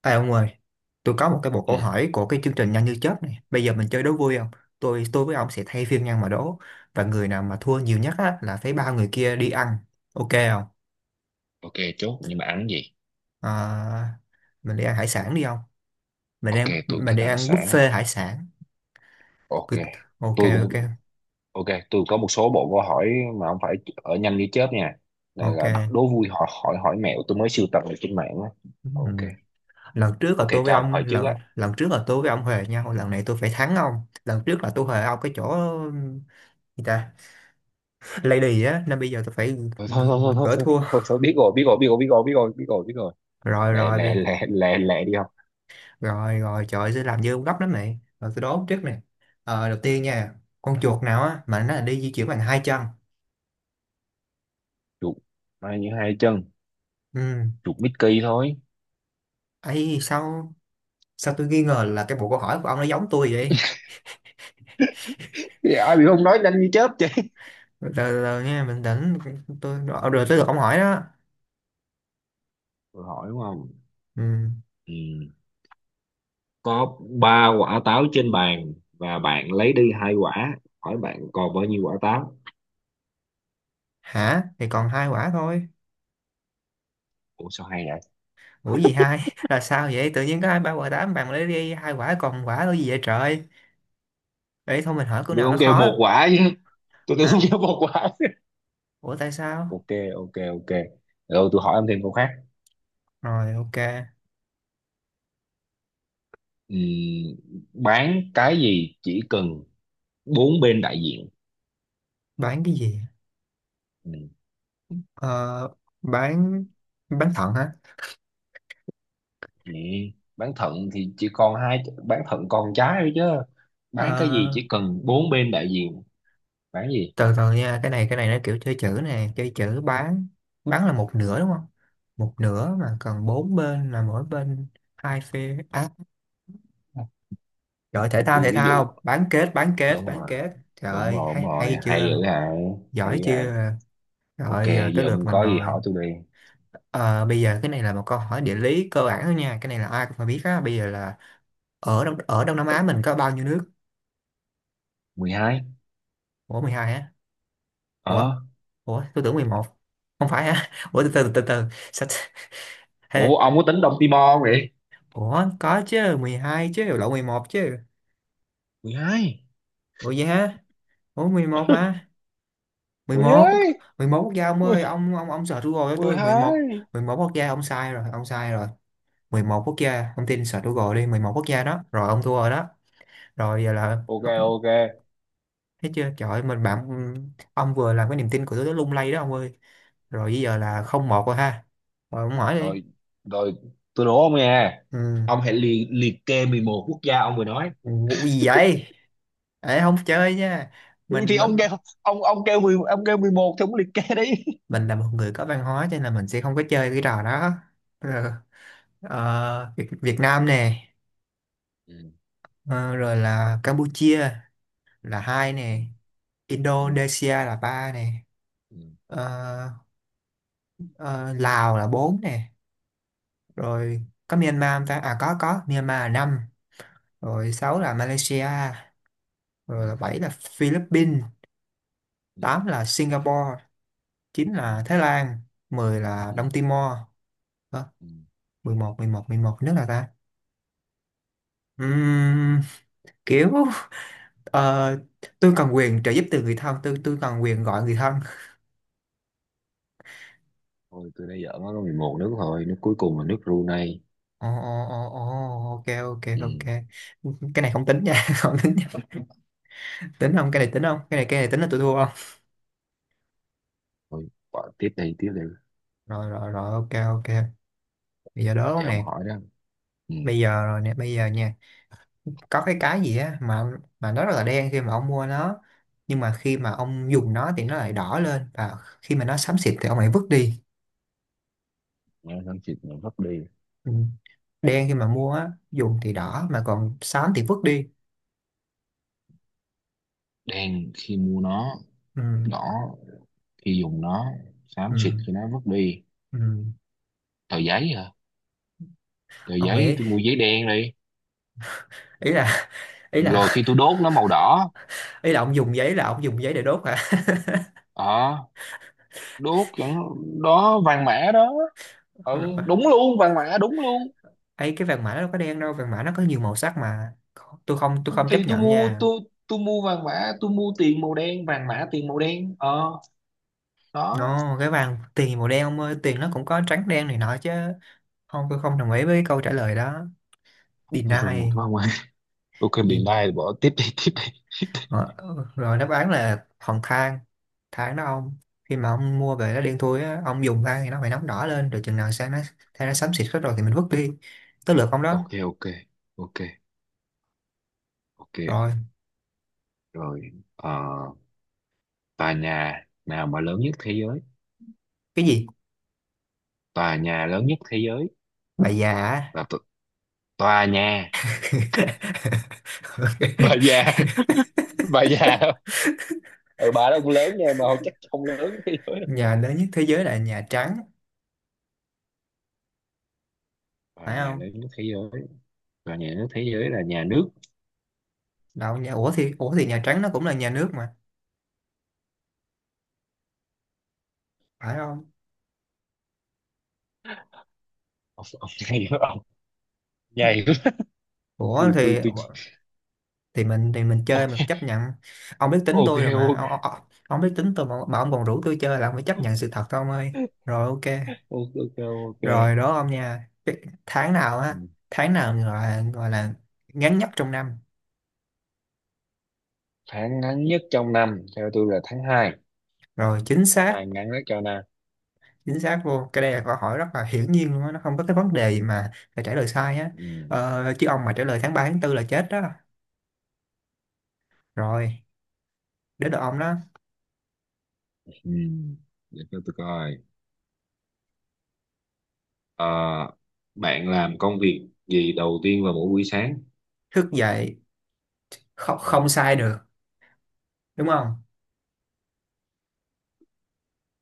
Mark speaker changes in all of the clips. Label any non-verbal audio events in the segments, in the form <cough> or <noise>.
Speaker 1: Ê ông ơi, tôi có một cái bộ
Speaker 2: Ừ,
Speaker 1: câu hỏi của cái chương trình Nhanh như chớp này. Bây giờ mình chơi đố vui không? Tôi với ông sẽ thay phiên nhau mà đố. Và người nào mà thua nhiều nhất á, là phải ba người kia đi ăn. Ok không?
Speaker 2: ok. Chốt nhưng mà ăn gì?
Speaker 1: À, mình đi ăn hải sản đi không?
Speaker 2: Ok tôi cũng
Speaker 1: Mình
Speaker 2: thích
Speaker 1: đi
Speaker 2: hải
Speaker 1: ăn
Speaker 2: sản á.
Speaker 1: buffet hải sản.
Speaker 2: Ok
Speaker 1: Cứ- Ok
Speaker 2: tôi
Speaker 1: ok
Speaker 2: cũng ok tôi có một số bộ câu hỏi mà không phải ở nhanh như chớp nha. Này
Speaker 1: ok.
Speaker 2: là đố vui hỏi hỏi hỏi mẹo tôi mới sưu tầm được trên mạng á.
Speaker 1: Ừm,
Speaker 2: Ok
Speaker 1: Lần trước
Speaker 2: ok,
Speaker 1: là tôi
Speaker 2: cho
Speaker 1: với
Speaker 2: ông
Speaker 1: ông
Speaker 2: hỏi trước
Speaker 1: lần
Speaker 2: á.
Speaker 1: lần trước là tôi với ông huề nhau. Lần này tôi phải thắng ông. Lần trước là tôi huề ông cái chỗ người ta lady á, nên bây giờ tôi phải
Speaker 2: Thôi thôi thôi thôi thôi
Speaker 1: gỡ
Speaker 2: thôi,
Speaker 1: thua.
Speaker 2: thôi, thôi, thôi, biết rồi biết rồi biết rồi biết rồi biết rồi biết rồi biết rồi.
Speaker 1: Rồi
Speaker 2: Lẹ lẹ
Speaker 1: rồi.
Speaker 2: lẹ lẹ lẹ đi không?
Speaker 1: Rồi rồi trời ơi, sẽ làm dư ông gấp lắm này, rồi tôi đố trước này. Đầu tiên nha, con chuột nào á mà nó là đi di chuyển bằng hai chân?
Speaker 2: Chuột bay như hai chân,
Speaker 1: Ừ.
Speaker 2: chuột Mickey thôi.
Speaker 1: Ấy sao, sao tôi nghi ngờ là cái bộ câu hỏi của ông nó giống tôi vậy?
Speaker 2: Dạ ai bị không nói nhanh như chớp chứ.
Speaker 1: Rồi từ từ nha, bình tĩnh. Rồi tới được ông hỏi đó.
Speaker 2: Tôi hỏi đúng không?
Speaker 1: Ừ.
Speaker 2: Ừ. Có ba quả táo trên bàn và bạn lấy đi hai quả, hỏi bạn còn bao nhiêu quả táo?
Speaker 1: Hả? Thì còn hai quả thôi.
Speaker 2: Ủa sao hay vậy?
Speaker 1: Ủa gì hai <laughs> là sao vậy? Tự nhiên có hai ba quả tám, bạn lấy đi hai quả còn quả là gì vậy trời? Ấy thôi mình hỏi câu
Speaker 2: Tôi
Speaker 1: nào
Speaker 2: không
Speaker 1: nó
Speaker 2: kêu
Speaker 1: khó.
Speaker 2: một quả chứ, tôi tưởng không
Speaker 1: Hả?
Speaker 2: kêu một quả.
Speaker 1: Ủa tại sao?
Speaker 2: Ok ok ok, rồi tôi hỏi em thêm câu khác.
Speaker 1: Rồi ok.
Speaker 2: Ừm, bán cái gì chỉ cần bốn bên đại diện?
Speaker 1: Bán cái gì?
Speaker 2: Ừm,
Speaker 1: Ờ, bán bán thận hả?
Speaker 2: Vậy bán thận thì chỉ còn hai, bán thận còn trái thôi chứ. Bán cái gì
Speaker 1: Ờ,
Speaker 2: chỉ cần bốn bên đại diện? Bán gì?
Speaker 1: Từ từ nha, cái này nó kiểu chơi chữ nè, chơi chữ. Bán là một nửa đúng không? Một nửa mà còn bốn bên là mỗi bên hai phe á. Rồi thể thao,
Speaker 2: Tôi
Speaker 1: thể
Speaker 2: ví dụ.
Speaker 1: thao, bán kết bán kết
Speaker 2: Đúng
Speaker 1: bán
Speaker 2: rồi,
Speaker 1: kết, trời
Speaker 2: đúng
Speaker 1: ơi
Speaker 2: rồi đúng
Speaker 1: hay,
Speaker 2: rồi,
Speaker 1: hay
Speaker 2: hay
Speaker 1: chưa?
Speaker 2: dữ hả. Hay
Speaker 1: Giỏi
Speaker 2: dữ hả.
Speaker 1: chưa?
Speaker 2: Ok,
Speaker 1: Rồi giờ tới
Speaker 2: giờ
Speaker 1: lượt
Speaker 2: ông
Speaker 1: mình
Speaker 2: có gì
Speaker 1: rồi.
Speaker 2: hỏi tôi đi.
Speaker 1: Ờ, Bây giờ cái này là một câu hỏi địa lý cơ bản thôi nha, cái này là ai cũng phải biết á. Bây giờ là ở Đông Nam Á mình có bao nhiêu nước?
Speaker 2: 12.
Speaker 1: Ủa 12 á? Ủa,
Speaker 2: Ờ.
Speaker 1: ủa tôi tưởng 11, không phải hả? <laughs> Ủa từ từ từ. Sao t- <laughs>
Speaker 2: Ủa,
Speaker 1: hay-
Speaker 2: ông có tính Đông Timor không vậy?
Speaker 1: ủa có chứ, 12 chứ lộn, 11 chứ.
Speaker 2: 12.
Speaker 1: Ủa vậy hả? Ủa 11 mà, 11 quốc-
Speaker 2: 12.
Speaker 1: 11 quốc gia ông ơi, ông search Google cho tôi. 11,
Speaker 2: 12.
Speaker 1: 11 quốc gia ông sai rồi, ông sai rồi. Mười một quốc gia ông tin, search Google đi, 11 quốc gia đó, rồi ông thua rồi đó. Rồi giờ là <laughs>
Speaker 2: Ok, ok.
Speaker 1: thấy chưa trời ơi, mình bạn ông vừa làm cái niềm tin của tôi nó lung lay đó ông ơi. Rồi bây giờ là không một rồi ha. Rồi ông hỏi đi.
Speaker 2: Rồi, rồi tôi đố ông nha.
Speaker 1: Ừ.
Speaker 2: Ông hãy liệt kê 11 quốc gia ông vừa nói.
Speaker 1: Vụ gì vậy? Ê, không chơi nha.
Speaker 2: Ừ, thì
Speaker 1: Mình,
Speaker 2: ông kêu ông kêu 10, ông kêu 11 thì ông liệt kê đi.
Speaker 1: mình là một người có văn hóa cho nên là mình sẽ không có chơi cái trò đó. Rồi, Việt, Việt Nam nè.
Speaker 2: Ừ,
Speaker 1: Ờ, Rồi là Campuchia là hai
Speaker 2: ừ,
Speaker 1: nè.
Speaker 2: ừ,
Speaker 1: Indonesia là ba nè.
Speaker 2: ừ,
Speaker 1: ờ, ờ, Lào là bốn nè.
Speaker 2: ừ,
Speaker 1: Rồi có Myanmar không ta? À có Myanmar là năm. Rồi
Speaker 2: ừ,
Speaker 1: sáu là Malaysia. Rồi là bảy là Philippines.
Speaker 2: ừ,
Speaker 1: Tám là Singapore. Chín
Speaker 2: ừ,
Speaker 1: là Thái Lan. Mười là
Speaker 2: ừ,
Speaker 1: Đông Timor. Đó,
Speaker 2: ừ.
Speaker 1: mười một, mười một, mười một nước là ta? Ừm, Kiểu ờ, tôi cần quyền trợ giúp từ người thân, tôi cần quyền gọi người thân.
Speaker 2: Thôi, tôi đã giỡn, nó có 11 nước thôi. Nước cuối cùng là nước Brunei.
Speaker 1: Ồ ồ ồ ồ, ok ok ok.
Speaker 2: Ừ.
Speaker 1: Cái này không tính nha <laughs> không tính nha. Tính không? Cái này tính không? Cái này cái này tính là tôi thua không?
Speaker 2: Thôi, bỏ tiếp đi, tiếp đi.
Speaker 1: Rồi rồi rồi ok ok. Bây giờ đố
Speaker 2: Giờ ông
Speaker 1: nè.
Speaker 2: hỏi đó. Ừ.
Speaker 1: Bây giờ rồi nè, bây giờ nha. Có cái gì á mà nó rất là đen khi mà ông mua nó, nhưng mà khi mà ông dùng nó thì nó lại đỏ lên, và khi mà nó xám xịt thì ông lại vứt đi.
Speaker 2: Nó xám xịt nó vứt đi.
Speaker 1: Ừ. Đen khi mà mua á, dùng thì đỏ mà còn xám thì vứt đi.
Speaker 2: Đen khi mua nó,
Speaker 1: Ừ.
Speaker 2: đỏ khi dùng nó, xám xịt
Speaker 1: Ừ.
Speaker 2: khi nó vứt đi.
Speaker 1: Ừ.
Speaker 2: Tờ giấy hả? Tờ
Speaker 1: Ông
Speaker 2: giấy,
Speaker 1: nghĩ
Speaker 2: tôi mua giấy đen đi,
Speaker 1: ý là ý là
Speaker 2: rồi khi tôi đốt nó màu đỏ.
Speaker 1: ý là ông dùng giấy, là ông dùng giấy để đốt hả?
Speaker 2: ờ Đốt cho nó, đó vàng mã đó.
Speaker 1: <laughs>
Speaker 2: Ừ,
Speaker 1: Rồi.
Speaker 2: đúng luôn, vàng mã đúng luôn.
Speaker 1: Ấy cái vàng mã nó đâu có đen đâu, vàng mã nó có nhiều màu sắc mà. Tôi không
Speaker 2: thì
Speaker 1: chấp
Speaker 2: tôi
Speaker 1: nhận
Speaker 2: mua
Speaker 1: nha.
Speaker 2: tôi tôi mua vàng mã, tôi mua tiền màu đen, vàng mã tiền màu đen. Ờ Đó.
Speaker 1: Nó cái vàng tiền màu đen ông ơi, tiền nó cũng có trắng đen này nọ chứ. Không, tôi không đồng ý với câu trả lời đó. Deny
Speaker 2: Thôi thôi, một quá ngoài. Ok, bị
Speaker 1: đi.
Speaker 2: lai, bỏ tiếp đi, tiếp đi.
Speaker 1: Ờ, Rồi đáp án là hòn than. Than đó ông, khi mà ông mua về nó đen thui á, ông dùng than thì nó phải nóng đỏ lên, rồi chừng nào sang nó, than nó xám xịt hết rồi thì mình vứt đi. Tới lượt ông đó.
Speaker 2: Ok ok ok. Ok.
Speaker 1: Rồi.
Speaker 2: Rồi. ờ Tòa nhà nào mà lớn nhất thế giới?
Speaker 1: Cái gì?
Speaker 2: Tòa nhà lớn nhất thế giới
Speaker 1: Bà già á.
Speaker 2: là tòa nhà
Speaker 1: <laughs>
Speaker 2: <laughs> bà
Speaker 1: Ok.
Speaker 2: già. Bà già đó. Ừ, bà đó cũng lớn nha, mà chắc không lớn nhất thế giới đâu.
Speaker 1: Nhà lớn nhất thế giới là Nhà Trắng,
Speaker 2: Tòa
Speaker 1: phải
Speaker 2: nhà
Speaker 1: không?
Speaker 2: lớn nhất thế giới, tòa nhà lớn nhất thế giới là nhà nước.
Speaker 1: Đâu nhà, ủa thì Nhà Trắng nó cũng là nhà nước mà, phải không?
Speaker 2: Ông nhảy quá, ông nhảy quá.
Speaker 1: Ủa
Speaker 2: tôi
Speaker 1: thì
Speaker 2: tôi tôi
Speaker 1: thì mình chơi,
Speaker 2: ok
Speaker 1: mình phải chấp nhận. Ông biết tính
Speaker 2: ok
Speaker 1: tôi rồi mà
Speaker 2: ok.
Speaker 1: ông, ông biết tính tôi mà ông còn rủ tôi chơi là ông phải chấp nhận sự thật thôi ông ơi. Rồi ok.
Speaker 2: Ok ok ok.
Speaker 1: Rồi đó ông nha. Cái tháng nào
Speaker 2: Ừ.
Speaker 1: á, tháng nào gọi là ngắn nhất trong năm?
Speaker 2: Tháng ngắn nhất trong năm theo tôi là tháng hai.
Speaker 1: Rồi chính
Speaker 2: Tháng
Speaker 1: xác.
Speaker 2: 2 ngắn nhất cho năm.
Speaker 1: Chính xác luôn. Cái đây là câu hỏi rất là hiển nhiên luôn á, nó không có cái vấn đề gì mà phải trả lời sai á.
Speaker 2: Ừ.
Speaker 1: Chứ ông mà trả lời tháng 3 tháng tư là chết đó. Rồi đến được ông đó.
Speaker 2: Ừ. Để cho tôi coi. Ờ, bạn làm công việc gì đầu tiên vào mỗi buổi sáng?
Speaker 1: Thức dậy. Không, không
Speaker 2: Ừ.
Speaker 1: sai được. Đúng không?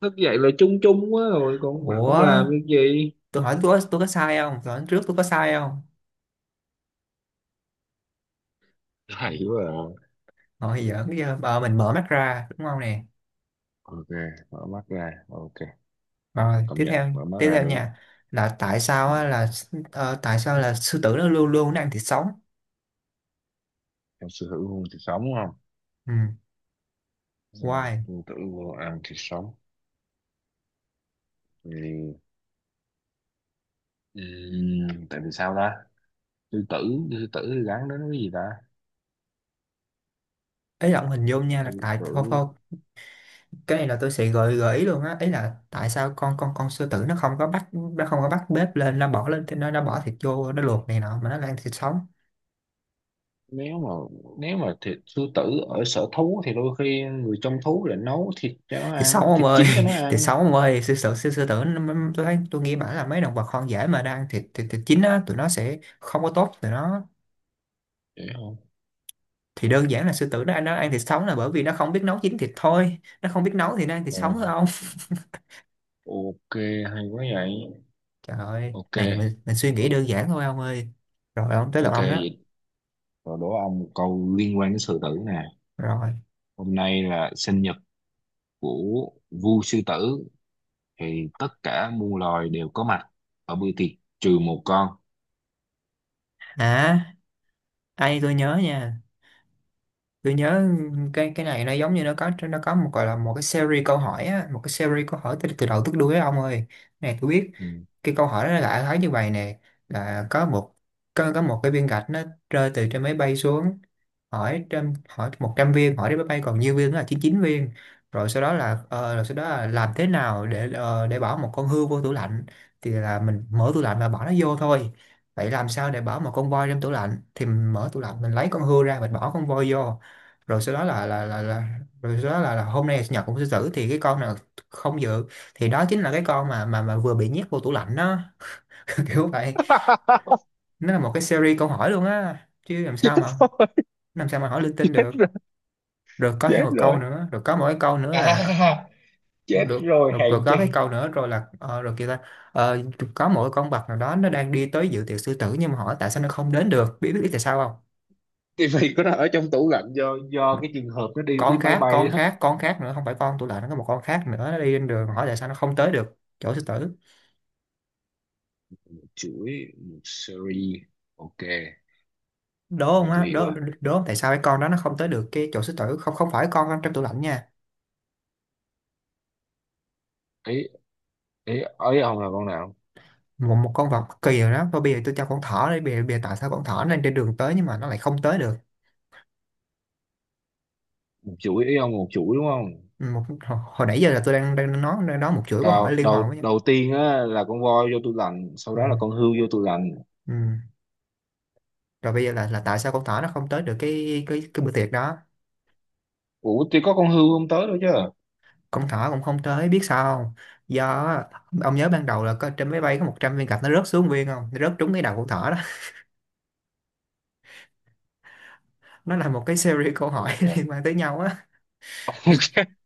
Speaker 2: Thức dậy là chung chung quá, rồi còn bà không làm
Speaker 1: Ủa
Speaker 2: việc gì.
Speaker 1: tôi hỏi, tôi có sai không? Tôi hỏi trước tôi có sai không?
Speaker 2: Hay quá à.
Speaker 1: Ngồi giỡn chứ. Bà mình mở mắt ra đúng không nè.
Speaker 2: Ok, mở mắt ra. Ok,
Speaker 1: Rồi
Speaker 2: công
Speaker 1: tiếp
Speaker 2: nhận,
Speaker 1: theo,
Speaker 2: mở mắt
Speaker 1: tiếp
Speaker 2: ra
Speaker 1: theo
Speaker 2: đúng.
Speaker 1: nha. Là tại
Speaker 2: Ừ.
Speaker 1: sao á, là tại sao là sư tử nó luôn luôn nó ăn thịt sống?
Speaker 2: Em sư hữu hôn thì sống không?
Speaker 1: Ừ.
Speaker 2: Ừ.
Speaker 1: Why?
Speaker 2: Sư tử vô ăn thì sống. Thì... Ừ. Tại vì sao ta? Sư tử, sư tử thì gắn đến cái gì ta?
Speaker 1: Ý là ông hình dung nha là
Speaker 2: Sư
Speaker 1: tại, thôi
Speaker 2: tử,
Speaker 1: thôi. Cái này là tôi sẽ gợi gợi ý luôn á, ấy là tại sao con sư tử nó không có bắt, nó không có bắt bếp lên, nó bỏ lên, nó bỏ thịt vô nó luộc này nọ, mà nó là ăn thịt sống?
Speaker 2: nếu mà nếu mà thịt sư tử ở sở thú thì đôi khi người trong thú lại nấu thịt cho nó
Speaker 1: Thịt
Speaker 2: ăn,
Speaker 1: sống ông
Speaker 2: thịt
Speaker 1: ơi.
Speaker 2: chín cho nó
Speaker 1: <laughs> Thịt
Speaker 2: ăn.
Speaker 1: sống ông ơi, sư tử, sư tử nó- tôi thấy tôi nghĩ bảo là mấy động vật hoang dã mà đang thịt thịt chín á, tụi nó sẽ không có tốt tụi nó.
Speaker 2: Vậy không.
Speaker 1: Thì đơn giản là sư tử nó ăn thịt sống là bởi vì nó không biết nấu chín thịt thôi, nó không biết nấu thì nó ăn thịt sống
Speaker 2: Ồ,
Speaker 1: thôi ông. <laughs>
Speaker 2: ok, hay quá vậy.
Speaker 1: Trời ơi
Speaker 2: Ok,
Speaker 1: này, mình suy nghĩ
Speaker 2: o-
Speaker 1: đơn giản thôi ông ơi. Rồi ông tới lượt
Speaker 2: ok
Speaker 1: ông đó.
Speaker 2: vậy. Rồi đố ông một câu liên quan đến sư tử nè.
Speaker 1: Rồi.
Speaker 2: Hôm nay là sinh nhật của vua sư tử, thì tất cả muôn loài đều có mặt ở bữa tiệc, trừ một con.
Speaker 1: À ai, tôi nhớ nha, tôi nhớ. Cái này nó giống như nó có, nó có một gọi là một cái series câu hỏi á, một cái series câu hỏi từ, từ đầu tới đuôi á ông ơi. Cái này tôi biết.
Speaker 2: Ừ.
Speaker 1: Cái câu hỏi đó là thấy như vậy nè, là có một, có một cái viên gạch nó rơi từ trên máy bay xuống, hỏi trăm hỏi 100 viên hỏi đến máy bay còn nhiêu viên, đó là chín chín viên. Rồi sau đó là rồi sau đó là làm thế nào để để bỏ một con hươu vô tủ lạnh, thì là mình mở tủ lạnh và bỏ nó vô thôi. Vậy làm sao để bỏ một con voi trong tủ lạnh, thì mình mở tủ lạnh mình lấy con hươu ra mình bỏ con voi vô. Rồi sau đó là rồi sau đó là hôm nay là sinh nhật của sư tử thì cái con nào không dự, thì đó chính là cái con mà mà vừa bị nhét vô tủ lạnh đó. <laughs> Kiểu vậy.
Speaker 2: <laughs>
Speaker 1: Nó là một cái series câu hỏi luôn á, chứ
Speaker 2: Chết
Speaker 1: làm sao mà hỏi linh tinh được.
Speaker 2: rồi,
Speaker 1: Rồi có thêm
Speaker 2: chết
Speaker 1: một
Speaker 2: rồi
Speaker 1: câu
Speaker 2: chết rồi.
Speaker 1: nữa, rồi có mỗi câu nữa là,
Speaker 2: À,
Speaker 1: được
Speaker 2: chết
Speaker 1: rồi,
Speaker 2: rồi
Speaker 1: rồi
Speaker 2: hèn chi.
Speaker 1: có cái câu nữa rồi là rồi kia ta, ờ, có mỗi con vật nào đó nó đang đi tới dự tiệc sư tử nhưng mà hỏi tại sao nó không đến được, biết biết tại sao không?
Speaker 2: Tivi của nó ở trong tủ lạnh, do cái trường hợp nó đi đi
Speaker 1: Con
Speaker 2: máy
Speaker 1: khác,
Speaker 2: bay đó.
Speaker 1: con khác nữa, không phải con tủ lạnh, nó có một con khác nữa nó đi trên đường, hỏi tại sao nó không tới được chỗ sư tử.
Speaker 2: Chuỗi một series. Ok,
Speaker 1: Đố
Speaker 2: ok
Speaker 1: không
Speaker 2: tôi
Speaker 1: á?
Speaker 2: hiểu
Speaker 1: Đố
Speaker 2: rồi.
Speaker 1: đố không, tại sao cái con đó nó không tới được cái chỗ sư tử? Không, không phải con trong tủ lạnh nha.
Speaker 2: Ý ý ý ông là con nào?
Speaker 1: Một một con vật cực kỳ rồi đó, thôi bây giờ tôi cho con thỏ đi, bây giờ tại sao con thỏ nó lên trên đường tới nhưng mà nó lại không tới được?
Speaker 2: Một chuỗi, ý ông một chuỗi đúng không?
Speaker 1: Ừ, một hồi, hồi nãy giờ là tôi đang đang nói, đang nói một chuỗi câu hỏi
Speaker 2: đầu
Speaker 1: liên hoàn
Speaker 2: đầu
Speaker 1: với nhau.
Speaker 2: đầu tiên á là con voi vô tủ lạnh, sau
Speaker 1: ừ,
Speaker 2: đó là con hươu vô tủ lạnh.
Speaker 1: ừ. Rồi bây giờ là tại sao con thỏ nó không tới được cái cái bữa tiệc đó?
Speaker 2: Ủa thì có con hươu không tới đâu chứ.
Speaker 1: Con thỏ cũng không tới, biết sao không? Do á, ông nhớ ban đầu là có trên máy bay có 100 viên gạch nó rớt xuống viên không, nó rớt trúng cái đầu con thỏ đó. <laughs> Nó là một cái series câu hỏi
Speaker 2: Ok
Speaker 1: <laughs> liên quan tới nhau á. Nên
Speaker 2: <laughs>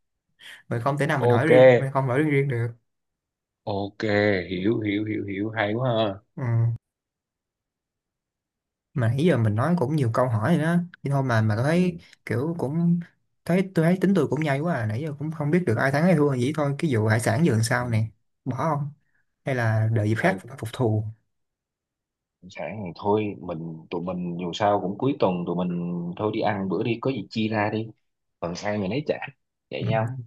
Speaker 1: mình không thể nào mình hỏi
Speaker 2: ok
Speaker 1: riêng, mình không hỏi riêng riêng được.
Speaker 2: ok, hiểu hiểu hiểu hiểu, hay quá ha.
Speaker 1: Ừ. Mà nãy giờ mình nói cũng nhiều câu hỏi rồi đó, nhưng thôi mà thấy
Speaker 2: Ừ.
Speaker 1: kiểu cũng, thấy tôi thấy tính tôi cũng nhây quá à, nãy giờ cũng không biết được ai thắng ai thua. Vậy thôi cái vụ hải sản giờ làm
Speaker 2: Ừ.
Speaker 1: sao nè, bỏ không hay là đợi dịp khác
Speaker 2: Hay,
Speaker 1: phục thù?
Speaker 2: sẵn thì thôi mình, tụi mình dù sao cũng cuối tuần, tụi mình thôi đi ăn bữa đi, có gì chia ra đi, phần ăn mình lấy trả
Speaker 1: Ừ,
Speaker 2: vậy nhau.
Speaker 1: ok.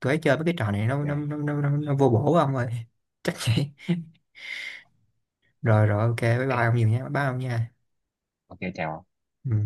Speaker 1: Tôi thấy chơi với cái trò này nó nó
Speaker 2: Ok
Speaker 1: nó nó, nó, nó vô bổ ông ơi. <laughs> Chắc vậy. Rồi rồi ok bye bye
Speaker 2: ok.
Speaker 1: ông nhiều nha, bye bye ông nha.
Speaker 2: Ok chào.
Speaker 1: Ừ.